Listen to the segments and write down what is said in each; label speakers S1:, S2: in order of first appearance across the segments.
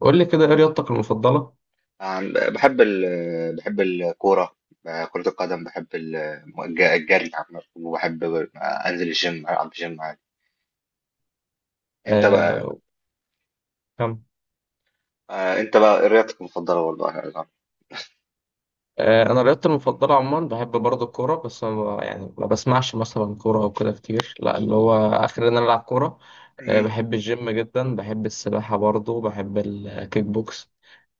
S1: قول لي كده ايه رياضتك المفضلة؟
S2: بحب بحب الكورة. كرة القدم بحب الجري عامة، وبحب أنزل الجيم ألعب جيم عادي. أنت بقى؟
S1: آه كم؟
S2: أنت بقى إيه رياضتك المفضلة برضه أنا أعرف.
S1: آه، انا رياضتي المفضلة عموما بحب برضه الكورة، بس أنا يعني ما بسمعش مثلا كورة او كده كتير، لا اللي هو اخر ان انا العب كورة. آه
S2: مم.
S1: بحب الجيم جدا، بحب السباحة برضه، بحب الكيك بوكس.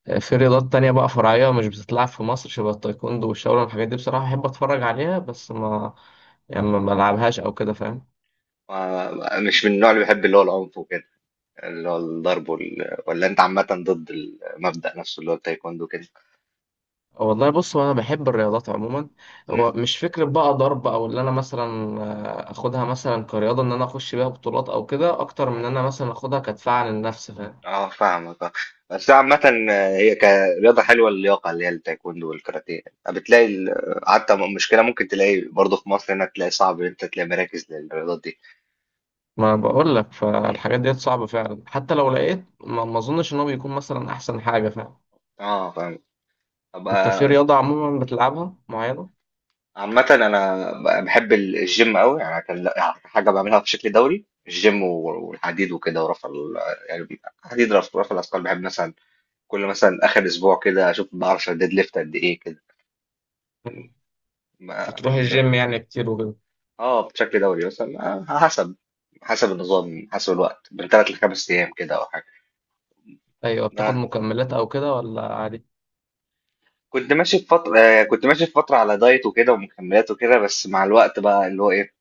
S1: آه في رياضات تانية بقى فرعية مش بتتلعب في مصر شبه التايكوندو والشاولين والحاجات دي، بصراحة بحب اتفرج عليها بس ما يعني ما بلعبهاش او كده، فاهم.
S2: مش من النوع اللي بيحب اللي هو العنف وكده، اللي هو الضرب ولا أنت عامة ضد المبدأ نفسه اللي هو التايكوندو كده؟
S1: والله بص، هو انا بحب الرياضات عموما، هو مش فكره بقى ضرب، او اللي انا مثلا اخدها مثلا كرياضه ان انا اخش بيها بطولات او كده اكتر من ان انا مثلا اخدها كدفاع عن النفس، فاهم.
S2: اه، فاهمك، اه. بس عامة، هي كرياضة حلوة، اللياقة اللي هي التايكوندو والكاراتيه. بتلاقي ال- حتى مشكلة ممكن تلاقي برضه في مصر، هنا تلاقي صعب ان انت تلاقي مراكز للرياضات دي.
S1: ما بقول لك، فالحاجات ديت صعبه فعلا، حتى لو لقيت ما اظنش ان هو بيكون مثلا احسن حاجه، فاهم.
S2: اه، فاهم.
S1: انت في
S2: أبقى،
S1: رياضه عموما بتلعبها معينه؟
S2: عامة أنا بحب الجيم أوي يعني، كان حاجة بعملها بشكل دوري، الجيم والحديد وكده، ورفع يعني حديد، رفع الأثقال بحب. مثلا كل مثلا آخر أسبوع كده أشوف بعرف أشيل ديد ليفت قد إيه
S1: مم. بتروح
S2: كده.
S1: الجيم يعني كتير وكده؟
S2: اه، بشكل دوري مثلا. آه، حسب حسب النظام، حسب الوقت، من 3 لـ 5 ايام كده او حاجه.
S1: ايوه. بتاخد
S2: آه.
S1: مكملات او كده ولا عادي؟
S2: كنت ماشي في فتره على دايت وكده ومكملات وكده. بس مع الوقت بقى اللي هو ايه،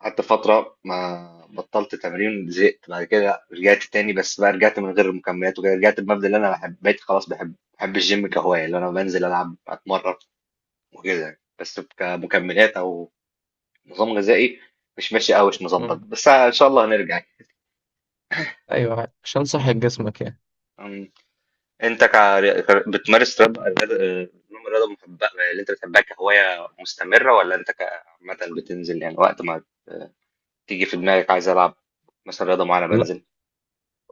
S2: قعدت فتره ما بطلت تمرين، زهقت بعد كده رجعت تاني. بس بقى رجعت من غير المكملات وكده، رجعت بمبدأ اللي انا بحب، بقيت خلاص بحب الجيم كهوايه، اللي انا بنزل العب اتمرن وكده يعني. بس كمكملات او نظام غذائي، مش ماشي قوي، مش مظبط،
S1: مم.
S2: بس ان شاء الله هنرجع يعني.
S1: ايوه عادي، عشان صحه جسمك يعني.
S2: أمم. انت بتمارس نوع من الرياضه، محبه اللي انت بتحبها كهوايه مستمره، ولا انت عامه بتنزل يعني وقت ما تيجي في دماغك عايز العب مثلا رياضه معينه
S1: لا
S2: بنزل؟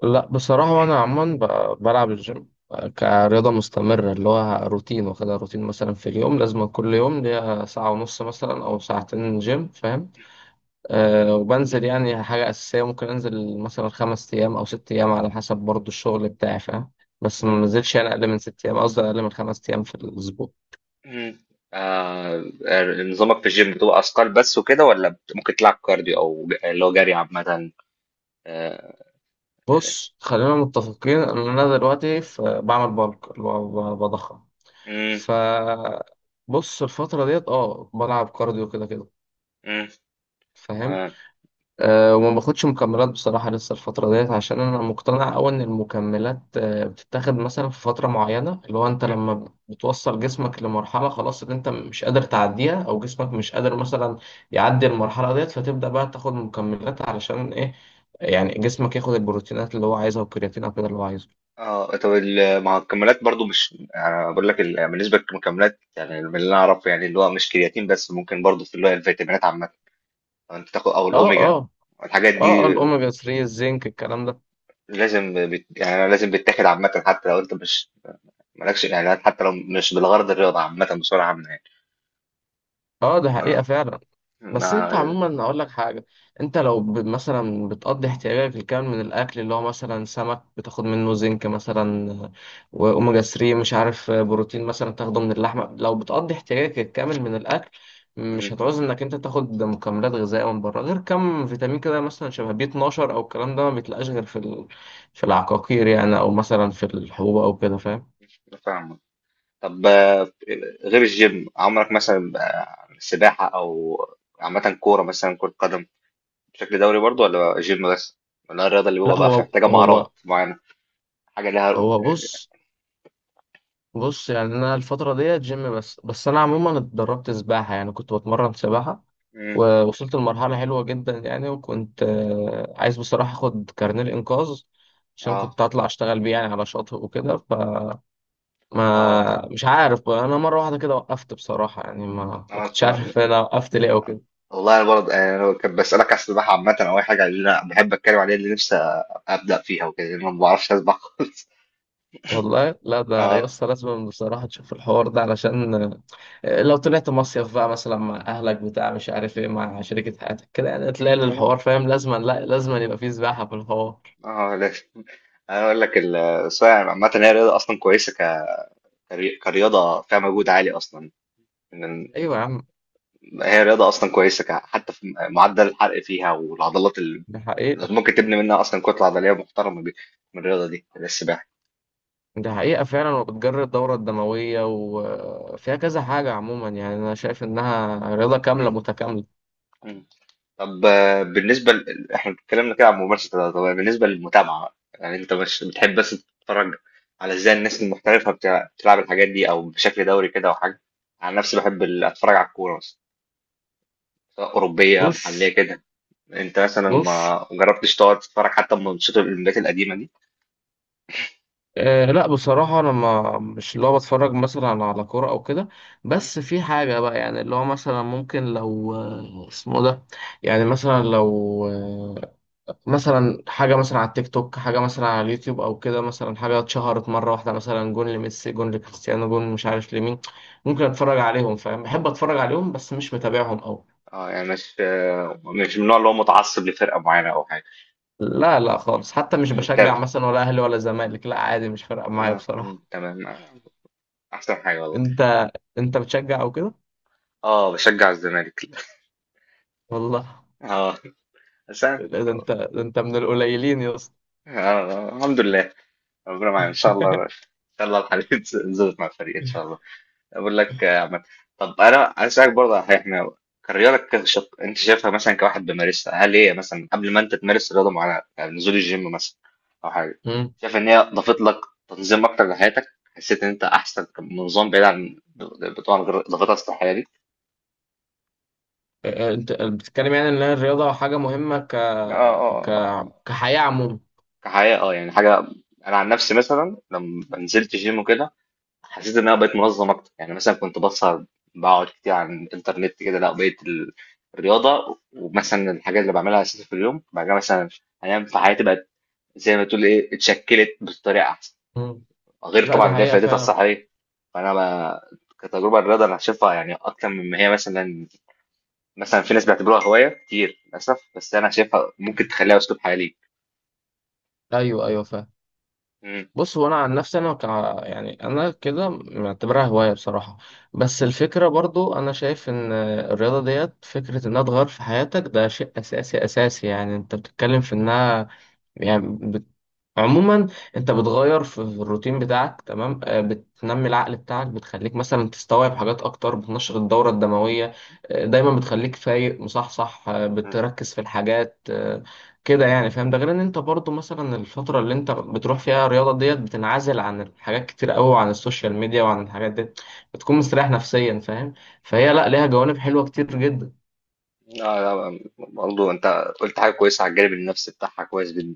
S1: لا بصراحة أنا عموما بلعب الجيم كرياضة مستمرة، اللي هو روتين، واخدها روتين مثلا في اليوم، لازم كل يوم ليا ساعة ونص مثلا أو ساعتين جيم، فاهم. أه وبنزل يعني حاجة أساسية، ممكن أنزل مثلا خمس أيام أو ست أيام على حسب برضو الشغل بتاعي، فاهم. بس ما
S2: مم.
S1: بنزلش يعني أقل من ست أيام، قصدي أقل من خمس أيام في الأسبوع.
S2: مم. آه. نظامك في الجيم بتبقى اثقال بس وكده، ولا ممكن تلعب كارديو، او اللي هو جري عامه؟ آه، آه.
S1: بص خلينا متفقين إن أنا دلوقتي في، بعمل بالك اللي هو بضخم.
S2: مم.
S1: ف بص الفترة ديت اه بلعب كارديو كده كده،
S2: مم.
S1: فاهم.
S2: تمام.
S1: أه وما باخدش مكملات بصراحة لسه الفترة ديت، عشان أنا مقتنع أوي إن المكملات أه بتتاخد مثلا في فترة معينة، اللي هو أنت
S2: مم.
S1: لما بتوصل جسمك لمرحلة خلاص إن أنت مش قادر تعديها، أو جسمك مش قادر مثلا يعدي المرحلة ديت، فتبدأ بقى تاخد مكملات علشان إيه؟ يعني جسمك ياخد البروتينات اللي هو عايزها والكرياتين أو كده اللي هو عايزه.
S2: اه، طب مع المكملات برضو، مش يعني انا بقول لك، بالنسبه للمكملات، يعني من اللي انا اعرفه، يعني اللي هو مش كرياتين بس، ممكن برضو في اللي هو الفيتامينات عامه انت تاخد، او
S1: أه أه.
S2: الاوميجا، الحاجات دي.
S1: الأوميجا 3، الزنك، الكلام ده.
S2: لازم يعني أنا لازم بتاخد عامه، حتى لو انت مش مالكش يعني، حتى لو مش بالغرض، الرياضه عامه بصوره عامه يعني.
S1: أه ده حقيقة
S2: ما...
S1: فعلا. بس انت
S2: ما...
S1: عموما اقول لك حاجه، انت لو مثلا بتقضي احتياجك الكامل من الاكل اللي هو مثلا سمك، بتاخد منه زنك مثلا واوميجا 3، مش عارف بروتين مثلا تاخده من اللحمه، لو بتقضي احتياجك الكامل من الاكل مش
S2: مم،
S1: هتعوز انك انت تاخد مكملات غذائيه من بره، غير كم فيتامين كده مثلا شبه بي 12 او الكلام ده، ما بيتلقاش غير في ال... في العقاقير يعني، او مثلا في الحبوب او كده، فاهم.
S2: فاهمك. طب غير الجيم، عمرك مثلا سباحه او عامه كوره، مثلا كره قدم بشكل دوري برضو، ولا جيم بس، ولا الرياضه اللي
S1: لا
S2: بيبقى بقى
S1: هو
S2: محتاجه
S1: هو
S2: مهارات معينه، حاجه لها؟
S1: هو بص بص يعني انا الفتره ديت جيم بس، انا عموما اتدربت سباحه، يعني كنت بتمرن سباحه
S2: مم،
S1: ووصلت لمرحله حلوه جدا يعني، وكنت عايز بصراحه اخد كارنيه الانقاذ، عشان
S2: اه،
S1: كنت هطلع اشتغل بيه يعني على شاطئ وكده، فما مش عارف بقى، انا مره واحده كده وقفت بصراحه يعني ما كنتش
S2: اه.
S1: عارف انا وقفت ليه.
S2: والله انا برضه يعني، انا كنت بسالك على السباحه عامه او اي حاجه اللي انا بحب اتكلم عليها، اللي نفسي ابدا فيها وكده، لان أنا ما بعرفش اسبح خالص.
S1: والله لا، ده يا
S2: اه،
S1: اسطى لازم بصراحة تشوف الحوار ده، علشان لو طلعت مصيف بقى مثلا مع أهلك بتاع، مش عارف إيه، مع شركة حياتك كده يعني تلاقي
S2: اه.
S1: الحوار، فاهم، لازم لا لازم يبقى فيه سباحة في الحوار.
S2: آه، لا، انا اقول لك السباحه عامه هي رياضه اصلا كويسه، كرياضه فيها مجهود عالي اصلا. إن-
S1: أيوة يا عم.
S2: هي رياضه اصلا كويسه حتى في معدل الحرق فيها، والعضلات اللي
S1: دي حقيقة.
S2: ممكن تبني منها اصلا كتله عضليه محترمه، من الرياضه دي السباحه.
S1: دي حقيقة فعلا، وبتجري الدورة الدموية وفيها كذا حاجة عموما، يعني أنا شايف إنها رياضة كاملة متكاملة.
S2: طب احنا اتكلمنا كده عن ممارسة الرياضة، طب بالنسبة للمتابعة بقى، يعني انت مش بتحب بس تتفرج على ازاي الناس المحترفة بتلعب الحاجات دي، او بشكل دوري كده، او حاجة؟ عن نفسي بحب اتفرج على الكورة مثلا، سواء أوروبية
S1: مش
S2: محلية كده. انت مثلا
S1: مش
S2: ما جربتش تقعد تتفرج حتى من ماتشات الاولمبيات القديمة دي؟
S1: أه لا بصراحة أنا ما مش اللي هو بتفرج مثلا على كورة أو كده،
S2: مم.
S1: بس في حاجة بقى يعني اللي هو مثلا ممكن، لو اسمه ده، يعني مثلا لو مثلا حاجة مثلا على التيك توك، حاجة مثلا على اليوتيوب أو كده، مثلا حاجة اتشهرت مرة واحدة مثلا جون لميسي، جون لكريستيانو، جون مش عارف لمين، ممكن
S2: مم.
S1: أتفرج عليهم فاهم، بحب أتفرج عليهم بس مش متابعهم أوي.
S2: اه، يعني مش، مش من النوع اللي هو متعصب لفرقة معينة او حاجة.
S1: لا لا خالص، حتى مش
S2: مش متابع.
S1: بشجع مثلا ولا أهلي ولا زمالك، لا عادي مش فارقة معايا
S2: مم،
S1: بصراحة.
S2: تمام. احسن حاجة والله.
S1: أنت، أنت بتشجع أو كده؟
S2: اه، بشجع الزمالك.
S1: والله.
S2: اه، بس أنا.
S1: لا ده انت، ده انت من القليلين يا اسطى.
S2: الحمد لله، ربنا معانا ان شاء الله، ان شاء الله الحلقه تظبط مع الفريق ان شاء الله. اقول لك يا عماد، طب انا عايز اسالك برضه على حاجة. احنا، انت شايفها مثلا كواحد بيمارسها، هل هي مثلا قبل ما انت تمارس رياضه معينه، يعني نزول الجيم مثلا او حاجه،
S1: مم.
S2: شايف ان هي ضافت لك تنظيم اكتر لحياتك؟ حسيت ان انت احسن نظام، بعيد عن، طبعا غير ضافتها اصل الحياه دي؟
S1: انت بتتكلم يعني ان الرياضه حاجه مهمه ك
S2: اه،
S1: ك
S2: آه.
S1: كحياه عموما.
S2: كحياه، اه يعني حاجه. انا عن نفسي مثلا لما نزلت جيم وكده، حسيت ان انا بقيت منظم اكتر. يعني مثلا كنت بسهر، بقعد كتير على الانترنت كده، لا بقيت الرياضه ومثلا الحاجات اللي بعملها اساسا في اليوم، بعد كده مثلا انام. في حياتي بقت زي ما تقول ايه، اتشكلت بطريقه احسن،
S1: مم.
S2: غير
S1: لا ده
S2: طبعا اللي هي
S1: حقيقه
S2: فائدتها
S1: فعلا.
S2: الصحيه. فانا بقى، كتجربه الرياضه انا شايفها يعني اكتر مما هي مثلا في ناس بيعتبروها هوايه كتير للاسف، بس انا شايفها ممكن تخليها اسلوب حياه ليك.
S1: ايوه ايوه فعلا.
S2: مم.
S1: بص هو انا عن نفسي انا يعني انا كده معتبرها هوايه بصراحه، بس الفكره برضو انا شايف ان الرياضه ديت فكره انها تغير في حياتك، ده شيء اساسي اساسي، يعني انت بتتكلم في انها يعني بت... عموما انت بتغير في الروتين بتاعك، تمام، بتنمي العقل بتاعك، بتخليك مثلا تستوعب حاجات اكتر، بتنشط الدورة الدموية، دايما بتخليك فايق مصحصح،
S2: مم.
S1: بتركز في الحاجات، كده يعني فاهم. ده غير ان انت برضو مثلا الفترة اللي انت بتروح فيها الرياضة ديت بتنعزل عن حاجات كتير قوي، وعن السوشيال ميديا وعن الحاجات دي، بتكون مستريح نفسيا، فاهم. فهي
S2: مم.
S1: لا ليها جوانب حلوة كتير جدا.
S2: لا، لا، برضه انت قلت حاجه كويسه، على الجانب النفسي بتاعها كويس جدا.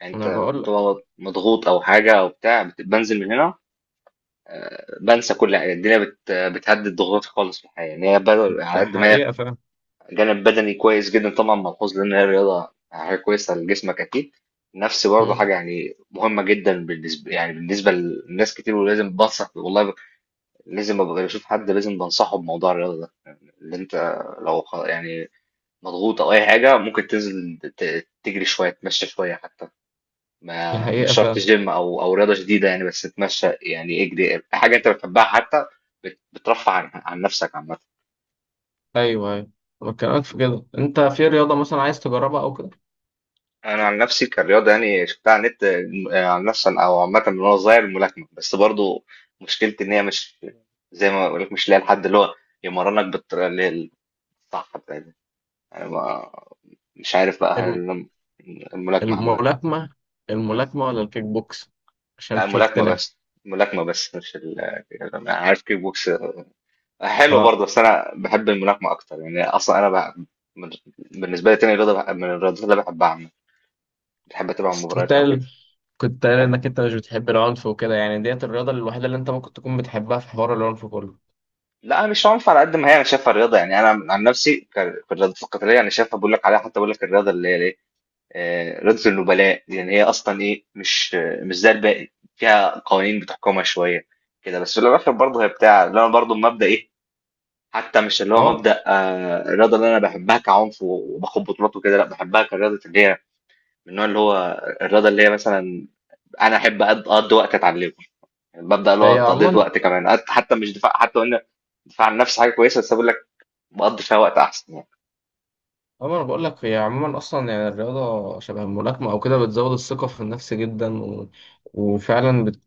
S2: يعني انت
S1: انا بقول لك.
S2: بتبقى مضغوط او حاجه او بتاع، بنزل من هنا بنسى كل حاجه، الدنيا بتهدد ضغوطي خالص في الحياه. يعني هي بدل على
S1: ده
S2: قد ما هي،
S1: حقيقة فاهم.
S2: جانب بدني كويس جدا طبعا ملحوظ، لان هي رياضه حاجه كويسه لجسمك اكيد. نفسي برضه
S1: مم.
S2: حاجه يعني مهمه جدا بالنسبه، يعني بالنسبه لناس كتير. ولازم بنصح والله، لازم ابقى بشوف حد لازم بنصحه بموضوع الرياضه ده. يعني اللي انت لو يعني مضغوط او اي حاجه، ممكن تنزل تجري شويه، تتمشى شويه حتى،
S1: ده
S2: ما مش
S1: حقيقة
S2: شرط
S1: فاهم.
S2: جيم او رياضه شديده يعني، بس تتمشى، يعني اجري حاجه انت بتحبها حتى، بترفع عن، عن نفسك عامه.
S1: ايوه ايوه. بكلمك في كده، انت في رياضة مثلا عايز تجربها او كده؟
S2: انا عن نفسي كرياضه، يعني شفتها على النت، عن نفسي او عامه من وانا صغير، الملاكمه. بس برضو مشكلتي ان هي مش، زي ما بقول لك مش لاقي الحد اللي هو يمرنك بالطريقه اللي هي الصح بتاعتها. انا ما- مش عارف بقى
S1: الم-
S2: هل الملاكمه عامه.
S1: الملاكمة؟ الملاكمة ولا الكيك بوكس؟ عشان
S2: لا،
S1: في
S2: الملاكمة
S1: اختلاف.
S2: بس الملاكمة بس مش يعني أنا عارف كيك بوكس حلو
S1: اه.
S2: برضه، بس أنا بحب الملاكمة أكتر. يعني أصلا أنا من- بالنسبة لي تاني رياضة من الرياضات اللي بحبها عامة، بحب أتابع
S1: بس كنت
S2: المباريات أو كده.
S1: قايل
S2: أه؟
S1: انك انت مش بتحب العنف وكده، يعني ديت الرياضه الوحيده اللي انت ممكن تكون بتحبها في حوار العنف كله،
S2: لا، مش عنف على قد ما هي، أنا شايفها الرياضة، يعني أنا عن نفسي في الرياضات القتالية. أنا شايفها، بقول لك عليها، حتى بقول لك الرياضة اللي هي إيه، رياضة النبلاء. يعني هي أصلا إيه، مش زي الباقي، فيها قوانين بتحكمها شوية كده. بس في الآخر برضه هي بتاع، اللي أنا برضه المبدأ إيه، حتى مش اللي هو
S1: العنف.
S2: مبدأ، الرياضة اللي أنا بحبها كعنف وباخد بطولات وكده، لأ بحبها كرياضة اللي هي من النوع اللي هو الرياضة اللي هي مثلا، أنا أحب أقضي وقت أتعلمه، مبدأ اللي هو
S1: هي
S2: تقضية
S1: عموما
S2: وقت كمان. حتى مش دفاع، حتى قلنا دفاع عن النفس حاجة كويسة، بس بقول لك بقضي فيها وقت أحسن يعني.
S1: عموما انا بقول لك هي عموما اصلا يعني الرياضه شبه الملاكمه او كده بتزود الثقه في النفس جدا، و... وفعلا بت...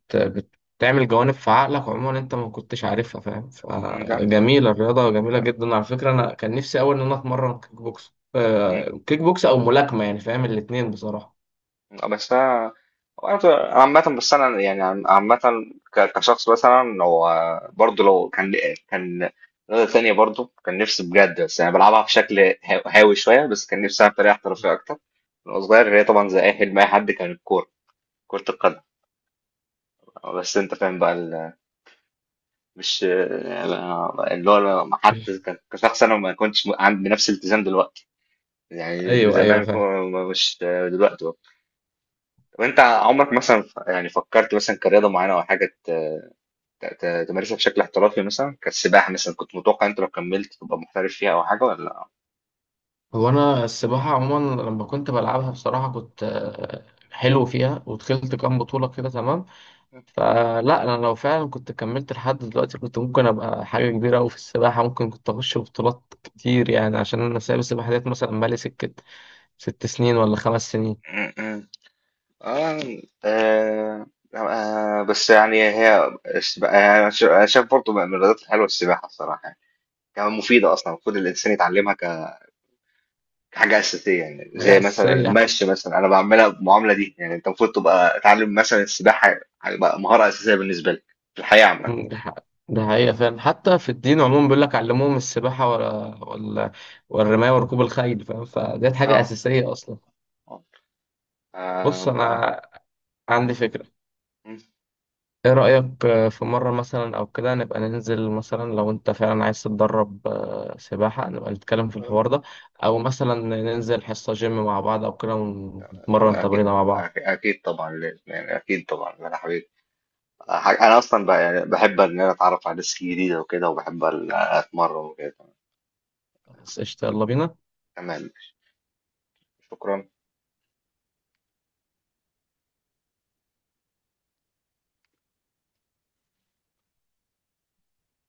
S1: بتعمل جوانب في عقلك عموما انت ما كنتش عارفها، فاهم،
S2: ده-
S1: فجميله الرياضه، جميله جدا. على فكره انا كان نفسي اول ان انا اتمرن كيك بوكس،
S2: مم.
S1: كيك بوكس او ملاكمه يعني، فاهم، الاتنين بصراحه.
S2: بس انا، أنا عامة، بس انا يعني عامة، كشخص مثلا هو، برضه لو كان كان رياضة تانية برضه كان نفسي بجد، بس انا بلعبها بشكل هاوي شوية. بس كان نفسي ألعب بطريقة احترافية اكتر وانا صغير، اللي هي طبعا زي اي حلم اي حد، كان الكورة، كرة القدم. بس انت فاهم بقى مش يعني، اللي هو ما حد. كشخص انا ما كنتش عندي نفس الالتزام دلوقتي. يعني
S1: ايوه ايوه
S2: زمان
S1: فاهم.
S2: مش دلوقتي برضه. طب انت عمرك مثلا يعني فكرت مثلا كرياضة معينة او حاجة تمارسها بشكل احترافي، مثلا كالسباحة؟ مثلا كنت متوقع انت لو كملت تبقى محترف فيها او حاجة، ولا؟
S1: هو انا السباحه عموما لما كنت بلعبها بصراحه كنت حلو فيها، ودخلت كام بطوله كده تمام. فلا انا لو فعلا كنت كملت لحد دلوقتي كنت ممكن ابقى حاجه كبيره قوي في السباحه، ممكن كنت اخش بطولات كتير يعني، عشان انا سايب السباحه ديت مثلا بقالي سكه ست سنين ولا خمس سنين.
S2: م- م. آه، آه آه، بس يعني هي السباحة يعني، أنا أنا شايف برضه من الرياضات الحلوة السباحة الصراحة، يعني كمان مفيدة. أصلا المفروض الإنسان يتعلمها كحاجة أساسية، يعني
S1: حاجه
S2: زي مثلا
S1: اساسيه.
S2: المشي مثلا، أنا بعملها بالمعاملة دي. يعني أنت المفروض تبقى تعلم مثلا السباحة، هيبقى مهارة أساسية بالنسبة لك في الحياة عامة.
S1: ده حقيقه فعلا، حتى في الدين عموما بيقول لك علموهم السباحه ولا ولا والرمايه وركوب الخيل، فاهم، فديت حاجه
S2: اه،
S1: اساسيه اصلا. بص
S2: بقى.
S1: انا عندي فكره، ايه رأيك في مرة مثلا او كده نبقى ننزل، مثلا لو انت فعلا عايز تتدرب سباحة نبقى نتكلم في الحوار
S2: م.
S1: ده، او مثلا ننزل حصة جيم مع بعض او كده ونتمرن
S2: أنا أكيد،
S1: تمرينة مع بعض.
S2: أكيد طبعا لازم، يعني أكيد طبعا أنا حبيبي. أنا أصلا بقى يعني بحب إن أنا أتعرف على ناس جديدة وكده، وبحب أتمرن وكده.
S1: بس قشطة، يلا بينا.
S2: تمام. شكرا.